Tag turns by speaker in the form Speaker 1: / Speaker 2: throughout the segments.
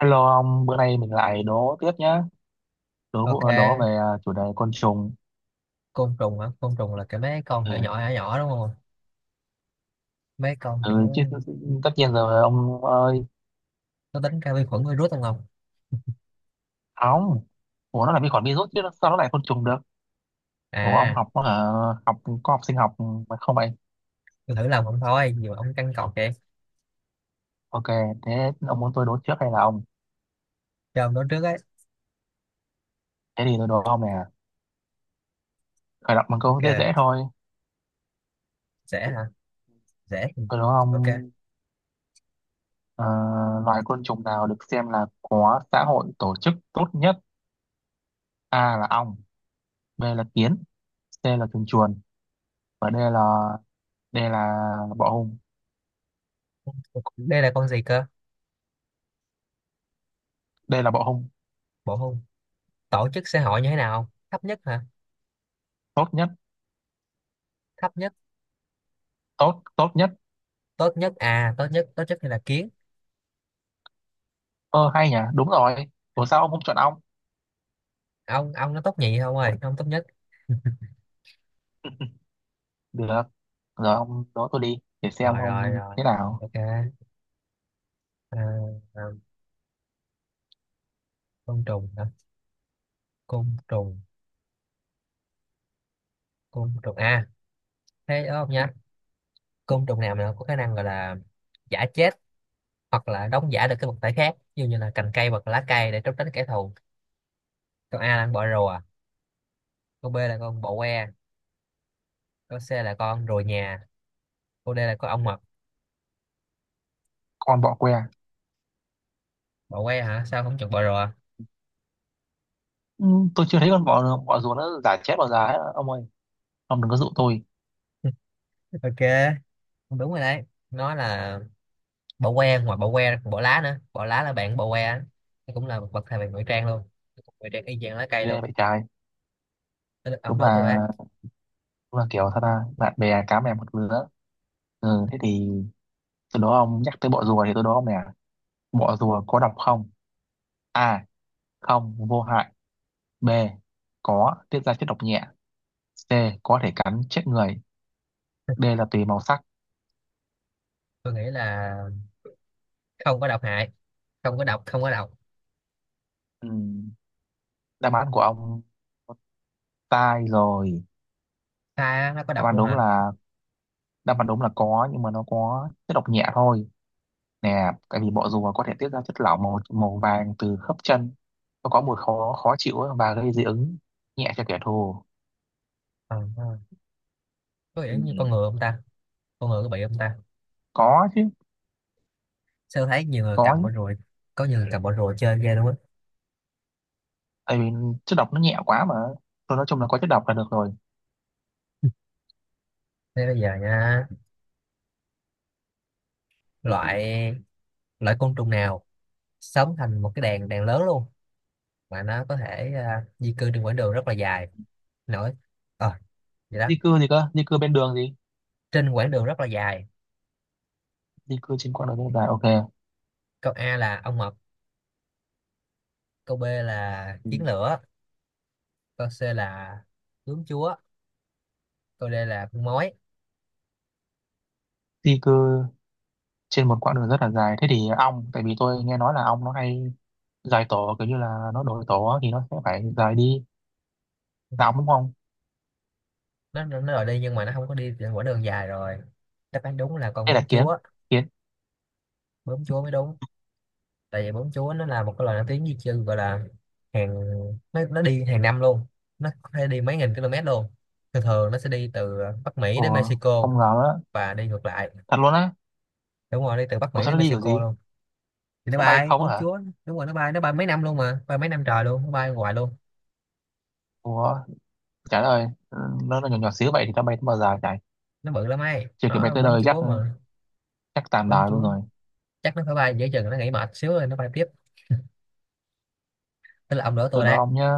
Speaker 1: Hello ông, bữa nay mình lại đố tiếp nhá. Đố
Speaker 2: Ok,
Speaker 1: vụ- đố về chủ đề côn trùng.
Speaker 2: côn trùng hả? Côn trùng là cái mấy con
Speaker 1: Ừ,
Speaker 2: nhỏ nhỏ nhỏ nhỏ đúng không? Mấy con kiểu
Speaker 1: ừ chứ tất nhiên rồi ông ơi.
Speaker 2: nó tính cả vi khuẩn virus không không?
Speaker 1: Không, ủa nó là vi khuẩn virus chứ sao nó lại côn trùng được? Ủa ông
Speaker 2: À,
Speaker 1: học học có học sinh học mà không vậy?
Speaker 2: tôi thử làm không thôi, nhiều ông căng cọc vậy.
Speaker 1: Ok, thế ông muốn tôi đố trước hay là ông?
Speaker 2: Cho ông nói trước ấy.
Speaker 1: Thế thì tôi đố ông nè. Khởi động bằng câu
Speaker 2: Ok,
Speaker 1: dễ dễ thôi.
Speaker 2: dễ hả? Dễ.
Speaker 1: Tôi đố
Speaker 2: Ok.
Speaker 1: ông ờ, loài côn trùng nào được xem là có xã hội tổ chức tốt nhất? A là ong, B là kiến, C là chuồn chuồn và D là bọ hung.
Speaker 2: Đây là con gì cơ?
Speaker 1: Đây là bộ hung.
Speaker 2: Bộ hung. Tổ chức xã hội như thế nào? Thấp nhất hả?
Speaker 1: Tốt nhất.
Speaker 2: Thấp nhất,
Speaker 1: Tốt tốt nhất.
Speaker 2: tốt nhất à, tốt nhất thì là kiến.
Speaker 1: Ơ hay nhỉ, đúng rồi. Ủa sao ông không chọn ong?
Speaker 2: Ông nó tốt nhì không ơi, ông tốt nhất.
Speaker 1: Được rồi, ông đó tôi đi để xem
Speaker 2: Rồi
Speaker 1: ông
Speaker 2: rồi rồi.
Speaker 1: thế nào.
Speaker 2: Ok. À, à, côn trùng hả? Côn trùng, côn trùng à, thế đúng không nhá? Côn trùng nào mà có khả năng gọi là giả chết hoặc là đóng giả được cái vật thể khác, ví dụ như là cành cây hoặc là lá cây, để trốn tránh kẻ thù. Câu A là con bọ rùa, câu B là con bọ que, câu C là con rùa nhà, câu D là con ong mật.
Speaker 1: Con bọ que.
Speaker 2: Bọ que hả? Sao không chọn bọ rùa?
Speaker 1: Ừ, tôi chưa thấy con bọ bọ rùa nó giả chết bao giờ ấy ông ơi. Ông đừng có dụ tôi.
Speaker 2: Ok, đúng rồi đấy, nó là bọ que. Ngoài bọ que ra còn bọ lá nữa, bọ lá là bạn bọ que á. Nó cũng là một vật thể về ngụy trang luôn, ngụy trang y chang lá cây
Speaker 1: Ghê
Speaker 2: luôn.
Speaker 1: vậy trai.
Speaker 2: Tới lượt ông
Speaker 1: đúng
Speaker 2: đó
Speaker 1: là
Speaker 2: tôi ấy.
Speaker 1: đúng là kiểu sao ta, bạn bè cá mè một lứa. Ừ, thế thì từ đó ông nhắc tới bọ rùa thì tôi đố ông nè. Bọ rùa có độc không? A không vô hại, B có tiết ra chất độc nhẹ, C có thể cắn chết người, D là tùy màu sắc.
Speaker 2: Tôi nghĩ là không có độc hại, không có độc.
Speaker 1: Ừ. Đáp án của ông sai rồi.
Speaker 2: Sai á, nó có
Speaker 1: đáp
Speaker 2: độc
Speaker 1: án
Speaker 2: luôn
Speaker 1: đúng
Speaker 2: hả?
Speaker 1: là đáp án đúng là có, nhưng mà nó có chất độc nhẹ thôi nè. Tại vì bọ rùa có thể tiết ra chất lỏng màu màu vàng từ khớp chân. Nó có mùi khó khó chịu ấy và gây dị ứng nhẹ cho kẻ thù.
Speaker 2: Ờ, có
Speaker 1: Ừ.
Speaker 2: vẻ như con ngựa không ta, con ngựa có bị không ta?
Speaker 1: Có chứ.
Speaker 2: Sao thấy nhiều người
Speaker 1: Có
Speaker 2: cầm
Speaker 1: chứ.
Speaker 2: bỏ rùi, có nhiều người cầm bỏ rùi chơi ghê luôn á.
Speaker 1: Tại vì chất độc nó nhẹ quá mà. Thôi nói chung là có chất độc là được rồi.
Speaker 2: Thế bây giờ nha, loại loại côn trùng nào sống thành một cái đàn đàn lớn luôn, mà nó có thể di cư trên quãng đường rất là dài. Nổi ờ vậy đó.
Speaker 1: Di cư gì cơ, di cư bên đường gì?
Speaker 2: Trên quãng đường rất là dài.
Speaker 1: Di cư trên quãng đường rất là dài, ok.
Speaker 2: Câu A là ong mật, câu B là
Speaker 1: Ừ.
Speaker 2: kiến lửa, câu C là bướm chúa, câu D là con mói.
Speaker 1: Di cư trên một quãng đường rất là dài, thế thì ong, tại vì tôi nghe nói là ong nó hay dài tổ, kiểu như là nó đổi tổ á, thì nó sẽ phải dài đi đóng, đúng không?
Speaker 2: Nó rồi đi, nhưng mà nó không có đi trên quãng đường dài rồi. Đáp án đúng là con
Speaker 1: Đây là
Speaker 2: bướm
Speaker 1: kiến.
Speaker 2: chúa,
Speaker 1: Kiến.
Speaker 2: bướm chúa mới đúng. Tại vì bún chúa nó là một cái loài nổi tiếng di chư, gọi là hàng nó đi hàng năm luôn. Nó có thể đi mấy nghìn km luôn. Thường thường nó sẽ đi từ Bắc Mỹ đến
Speaker 1: Ủa,
Speaker 2: Mexico
Speaker 1: không ngờ đó.
Speaker 2: và đi ngược lại.
Speaker 1: Thật luôn á.
Speaker 2: Đúng rồi, đi từ Bắc
Speaker 1: Ủa
Speaker 2: Mỹ
Speaker 1: sao
Speaker 2: đến
Speaker 1: nó đi kiểu
Speaker 2: Mexico
Speaker 1: gì?
Speaker 2: luôn. Thì nó
Speaker 1: Nó bay
Speaker 2: bay,
Speaker 1: không á
Speaker 2: bướm
Speaker 1: hả?
Speaker 2: chúa. Đúng rồi, nó bay, nó bay mấy năm luôn mà, bay mấy năm trời luôn, nó bay hoài luôn.
Speaker 1: Ủa, trời ơi. Ừ, nó nhỏ nhỏ xíu vậy thì nó bay tới bao giờ chạy.
Speaker 2: Nó bự lắm ấy,
Speaker 1: Chưa kịp bay
Speaker 2: nó
Speaker 1: tới
Speaker 2: bướm
Speaker 1: nơi chắc
Speaker 2: chúa mà.
Speaker 1: chắc tàn
Speaker 2: Bướm
Speaker 1: đời luôn
Speaker 2: chúa.
Speaker 1: rồi.
Speaker 2: Chắc nó phải bay giữa chừng, nó nghỉ mệt xíu rồi nó bay tiếp. Tức là ông đỡ
Speaker 1: Cứ
Speaker 2: tôi
Speaker 1: đó
Speaker 2: đấy.
Speaker 1: ông nhá.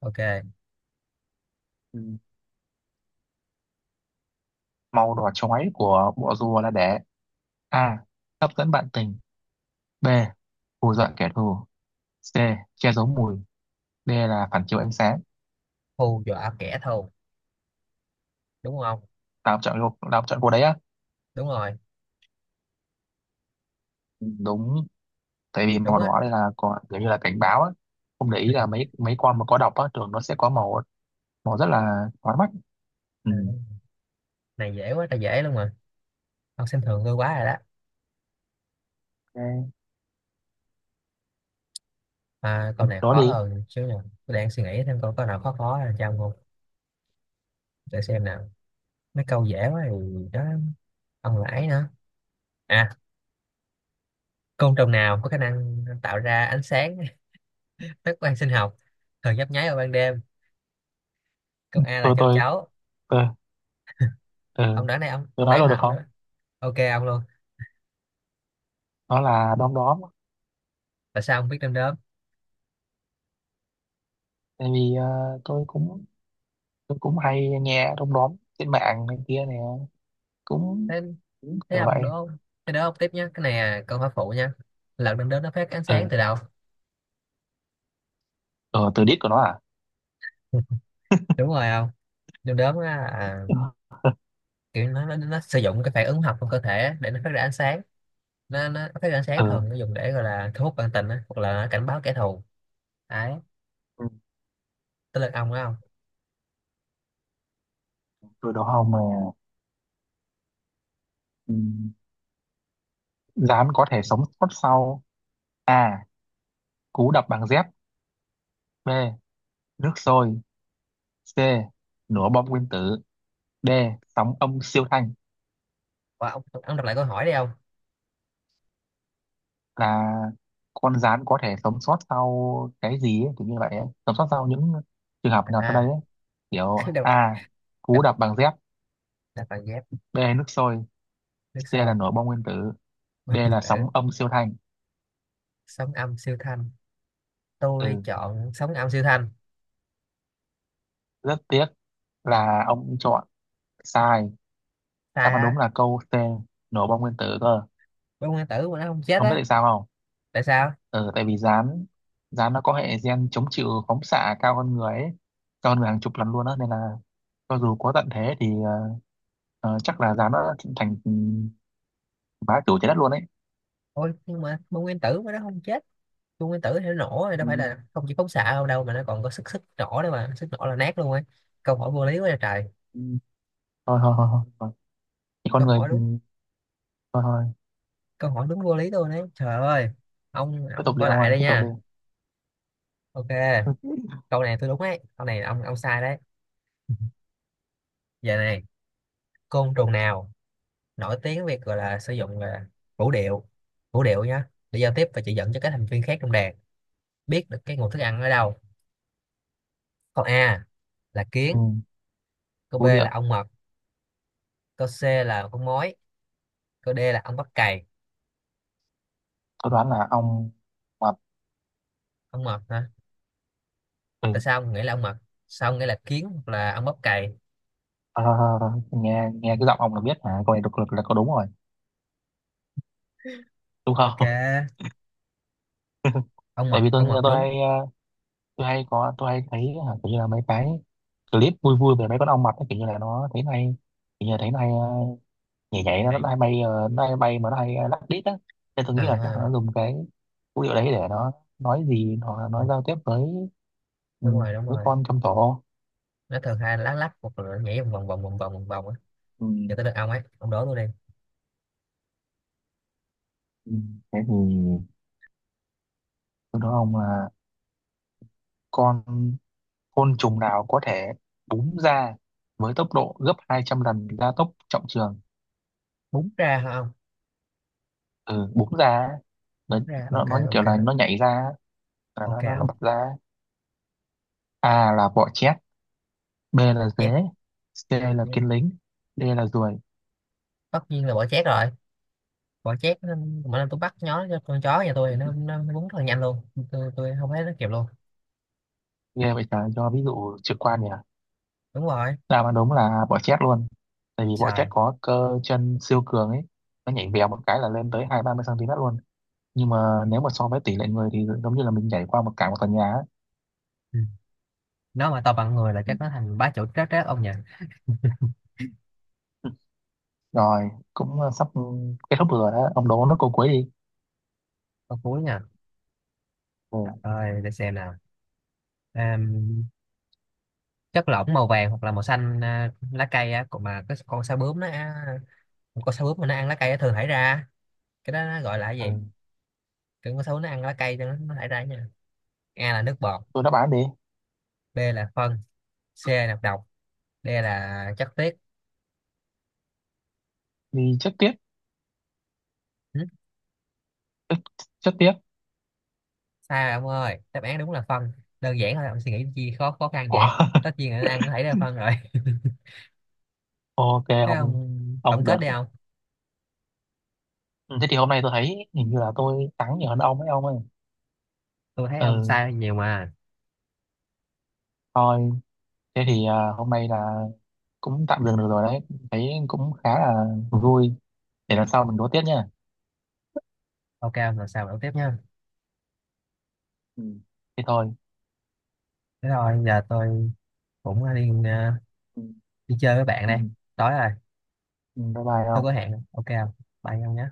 Speaker 2: Ok,
Speaker 1: Ừ. Màu đỏ chói của bộ rùa là để: A hấp dẫn bạn tình, B hù dọa kẻ thù, C che giấu mùi, D là phản chiếu ánh sáng.
Speaker 2: hù dọa kẻ thù đúng không?
Speaker 1: Tao chọn cô, tao chọn cô đấy á.
Speaker 2: Đúng rồi.
Speaker 1: Đúng. Tại vì
Speaker 2: Đúng
Speaker 1: màu
Speaker 2: á.
Speaker 1: đỏ đây là có kiểu như là cảnh báo á. Không để ý là mấy mấy con mà có độc á thường nó sẽ có màu màu rất là chói mắt. Ừ.
Speaker 2: Này dễ quá trời, dễ luôn mà, ông xem thường tôi quá rồi đó.
Speaker 1: Ok.
Speaker 2: À, câu này
Speaker 1: Đó
Speaker 2: khó
Speaker 1: đi.
Speaker 2: hơn xíu nè. Tôi đang suy nghĩ thêm câu có nào khó khó là cho ông không. Để xem nào. Mấy câu dễ quá thì đó. Ông lãi nữa. À, côn trùng nào có khả năng tạo ra ánh sáng, phát quang sinh học, thường nhấp nháy vào ban đêm? Câu A là
Speaker 1: tôi
Speaker 2: châu
Speaker 1: tôi
Speaker 2: chấu.
Speaker 1: tôi ừ,
Speaker 2: Ông đoán này, ông
Speaker 1: tôi
Speaker 2: ông
Speaker 1: nói
Speaker 2: đoán
Speaker 1: luôn được
Speaker 2: hả, ông
Speaker 1: không?
Speaker 2: đoán? Ok ông luôn.
Speaker 1: Nó là đom đóm.
Speaker 2: Tại sao ông biết đom đóm?
Speaker 1: Tại vì tôi cũng tôi cũng hay nghe đom đóm trên mạng này kia nè, cũng
Speaker 2: Thế
Speaker 1: cũng
Speaker 2: thế
Speaker 1: kiểu
Speaker 2: ông
Speaker 1: vậy.
Speaker 2: đố, thế đố ông tiếp nhé. Cái này là câu hỏi phụ nha. Lợn đom đóm nó phát ánh sáng từ
Speaker 1: Ừ.
Speaker 2: đâu?
Speaker 1: Ừ, từ đít của nó à.
Speaker 2: Đúng rồi không? Đom đóm á, à,
Speaker 1: Ừ.
Speaker 2: kiểu nó sử dụng cái phản ứng hóa học trong cơ thể để nó phát ra ánh sáng. Nó phát ánh sáng,
Speaker 1: Ừ.
Speaker 2: thường nó dùng để gọi là thu hút bạn tình á hoặc là cảnh báo kẻ thù. Đấy.
Speaker 1: Ừ.
Speaker 2: Tới lượt ông đó không?
Speaker 1: Từ đó không mà. Ừ. Rán có thể sống sót sau: A cú đập bằng dép, B nước sôi, C nổ bom nguyên tử, D sóng âm siêu thanh.
Speaker 2: Ủa, ông đọc lại câu hỏi đi ông.
Speaker 1: Là con gián có thể sống sót sau cái gì ấy, kiểu như vậy ấy. Sống sót sau những trường hợp nào sau đây
Speaker 2: À,
Speaker 1: ấy. Kiểu
Speaker 2: đọc,
Speaker 1: A cú
Speaker 2: đọc
Speaker 1: đập bằng dép,
Speaker 2: đọc bằng ghép.
Speaker 1: B nước sôi,
Speaker 2: Nước
Speaker 1: C là
Speaker 2: sôi.
Speaker 1: nổ bom nguyên tử, D
Speaker 2: Điện
Speaker 1: là
Speaker 2: tử.
Speaker 1: sóng âm siêu thanh.
Speaker 2: Sóng âm siêu thanh. Tôi
Speaker 1: Ừ,
Speaker 2: chọn sóng âm siêu thanh.
Speaker 1: rất tiếc là ông chọn sai.
Speaker 2: Sai
Speaker 1: Đáp án đúng
Speaker 2: á?
Speaker 1: là câu C, nổ bom nguyên tử cơ.
Speaker 2: Bông nguyên tử mà nó không chết
Speaker 1: Ông biết
Speaker 2: á?
Speaker 1: tại sao không?
Speaker 2: Tại sao?
Speaker 1: Ừ, tại vì gián gián nó có hệ gen chống chịu phóng xạ cao hơn người ấy, cao hơn người hàng chục lần luôn á, nên là cho dù có tận thế thì chắc là giá nó thành bá chủ trái đất luôn ấy.
Speaker 2: Ôi nhưng mà bông nguyên tử mà nó không chết. Bông nguyên tử thì nó nổ rồi,
Speaker 1: Ừ.
Speaker 2: đâu phải là không, chỉ phóng xạ không đâu mà nó còn có sức sức nổ nữa mà, sức nổ là nát luôn ấy. Câu hỏi vô lý quá trời trời.
Speaker 1: Ừ. Thôi thôi thôi thôi thôi. Thì con
Speaker 2: Câu
Speaker 1: người
Speaker 2: hỏi đúng,
Speaker 1: thôi thôi.
Speaker 2: câu hỏi đúng vô lý luôn đấy, trời ơi. ông
Speaker 1: Tiếp
Speaker 2: ông
Speaker 1: tục đi
Speaker 2: coi
Speaker 1: ông
Speaker 2: lại
Speaker 1: ơi,
Speaker 2: đây
Speaker 1: tiếp tục đi.
Speaker 2: nha. Ok, câu này tôi đúng ấy, câu này ông sai đấy. Giờ này, côn trùng nào nổi tiếng việc gọi là sử dụng là vũ điệu, vũ điệu nhá, để giao tiếp và chỉ dẫn cho các thành viên khác trong đàn biết được cái nguồn thức ăn ở đâu? Câu A là kiến,
Speaker 1: Ừ.
Speaker 2: câu B
Speaker 1: Vũ
Speaker 2: là
Speaker 1: điệu.
Speaker 2: ong mật, câu C là con mối, câu D là ong bắp cày.
Speaker 1: Tôi đoán là ông mập.
Speaker 2: Ong mật hả?
Speaker 1: Ừ. Thôi,
Speaker 2: Tại sao ông nghĩ là ong mật? Sao ông nghĩ là kiến hoặc là ong bắp cày?
Speaker 1: thôi, thôi, thôi. Nghe nghe cái giọng ông là biết hả, câu này độc lực là có đúng rồi, đúng
Speaker 2: Ok,
Speaker 1: không?
Speaker 2: ong
Speaker 1: Tại
Speaker 2: mật,
Speaker 1: vì tôi
Speaker 2: ong mật
Speaker 1: tôi
Speaker 2: đúng.
Speaker 1: hay tôi hay có tôi hay thấy hả, kiểu như là mấy cái clip vui vui về mấy con ong mập ấy, kiểu như là nó thấy này, kiểu như là thấy này nhảy nhảy, nó,
Speaker 2: Đấy.
Speaker 1: nó hay bay, mà nó hay lắc đít á, nên tôi
Speaker 2: à,
Speaker 1: nghĩ là chắc
Speaker 2: à.
Speaker 1: là nó dùng cái vũ điệu đấy để nó nói gì hoặc là
Speaker 2: Ừ,
Speaker 1: nó giao tiếp ừ,
Speaker 2: đúng rồi, đúng
Speaker 1: với
Speaker 2: rồi.
Speaker 1: con trong tổ.
Speaker 2: Nó thường hay lá lách hoặc là nhảy vòng vòng vòng vòng vòng vòng vòng á.
Speaker 1: Ừ.
Speaker 2: Giờ tới lượt ông ấy, ông đố luôn đi.
Speaker 1: Ừ. Thế thì tôi nói ông là con côn trùng nào có thể búng ra với tốc độ gấp 200 lần gia tốc trọng trường.
Speaker 2: Bún ra hả ông?
Speaker 1: Ừ, búng ra á,
Speaker 2: Bún ra
Speaker 1: nó
Speaker 2: ok.
Speaker 1: nó như kiểu
Speaker 2: Ok
Speaker 1: là nó nhảy ra á, là nó
Speaker 2: ok
Speaker 1: nó, nó
Speaker 2: ông
Speaker 1: bật ra á. A là bọ chét, B là
Speaker 2: chét.
Speaker 1: dế, C là
Speaker 2: Dạ.
Speaker 1: kiến lính, D là ruồi.
Speaker 2: Tất nhiên là bỏ chét rồi. Bỏ chét nó- mỗi lần tôi bắt nhó cho con chó nhà tôi thì nó bún rất là nhanh luôn, tôi không thấy nó kịp luôn.
Speaker 1: Ghê vậy trời, cho ví dụ trực quan nhỉ?
Speaker 2: Đúng rồi.
Speaker 1: Đáp án đúng là bọ chét luôn. Tại vì bọ
Speaker 2: Trời
Speaker 1: chét có cơ chân siêu cường ấy, nó nhảy vèo một cái là lên tới hai ba mươi cm luôn. Nhưng mà nếu mà so với tỷ lệ người thì giống như là mình nhảy qua cả một tòa nhà ấy.
Speaker 2: ừ. Nó mà to bằng người là
Speaker 1: Ừ.
Speaker 2: chắc nó thành bá chủ trát trát ông nhỉ.
Speaker 1: Rồi, cũng sắp kết thúc rồi đó. Ông đố nó câu cuối đi.
Speaker 2: Con cuối nha.
Speaker 1: Ừ.
Speaker 2: Trời ơi để xem nào. Àm, chất lỏng màu vàng hoặc là màu xanh lá cây á, còn mà cái con sao bướm nó con sao bướm mà nó ăn lá cây á thường thải ra, cái đó nó gọi là cái gì?
Speaker 1: Ừ.
Speaker 2: Cái con sao bướm nó ăn lá cây cho nó thải ra nha. A là nước bọt,
Speaker 1: Tôi đáp án đi.
Speaker 2: B là phân, C là độc, D là chất tiết.
Speaker 1: Vì chất tiết.
Speaker 2: Ừ,
Speaker 1: Ê, chất tiết.
Speaker 2: sai rồi ông ơi, đáp án đúng là phân. Đơn giản thôi, ông suy nghĩ chi khó khó khăn
Speaker 1: Ủa?
Speaker 2: vậy. Tất nhiên là ăn có thể là phân rồi.
Speaker 1: Ok,
Speaker 2: Thế
Speaker 1: ông,
Speaker 2: ông tổng
Speaker 1: ông
Speaker 2: kết
Speaker 1: được.
Speaker 2: đi ông.
Speaker 1: Ừ, thế thì hôm nay tôi thấy hình như là tôi thắng nhiều hơn ông ấy ông ơi.
Speaker 2: Tôi thấy ông
Speaker 1: Ừ,
Speaker 2: sai nhiều mà.
Speaker 1: thôi. Thế thì hôm nay là cũng tạm dừng được rồi đấy, thấy cũng khá là vui, để lần sau mình đố tiếp nha.
Speaker 2: Ok ông, lần sao? Đấu tiếp nha.
Speaker 1: Ừ. Thế thôi.
Speaker 2: Thế thôi, giờ tôi cũng đi,
Speaker 1: Ừ.
Speaker 2: đi chơi với bạn
Speaker 1: Ừ.
Speaker 2: đây, tối rồi.
Speaker 1: Ừ, bye bye
Speaker 2: Tôi có
Speaker 1: không.
Speaker 2: hẹn. Ok không? Bye ông nhé.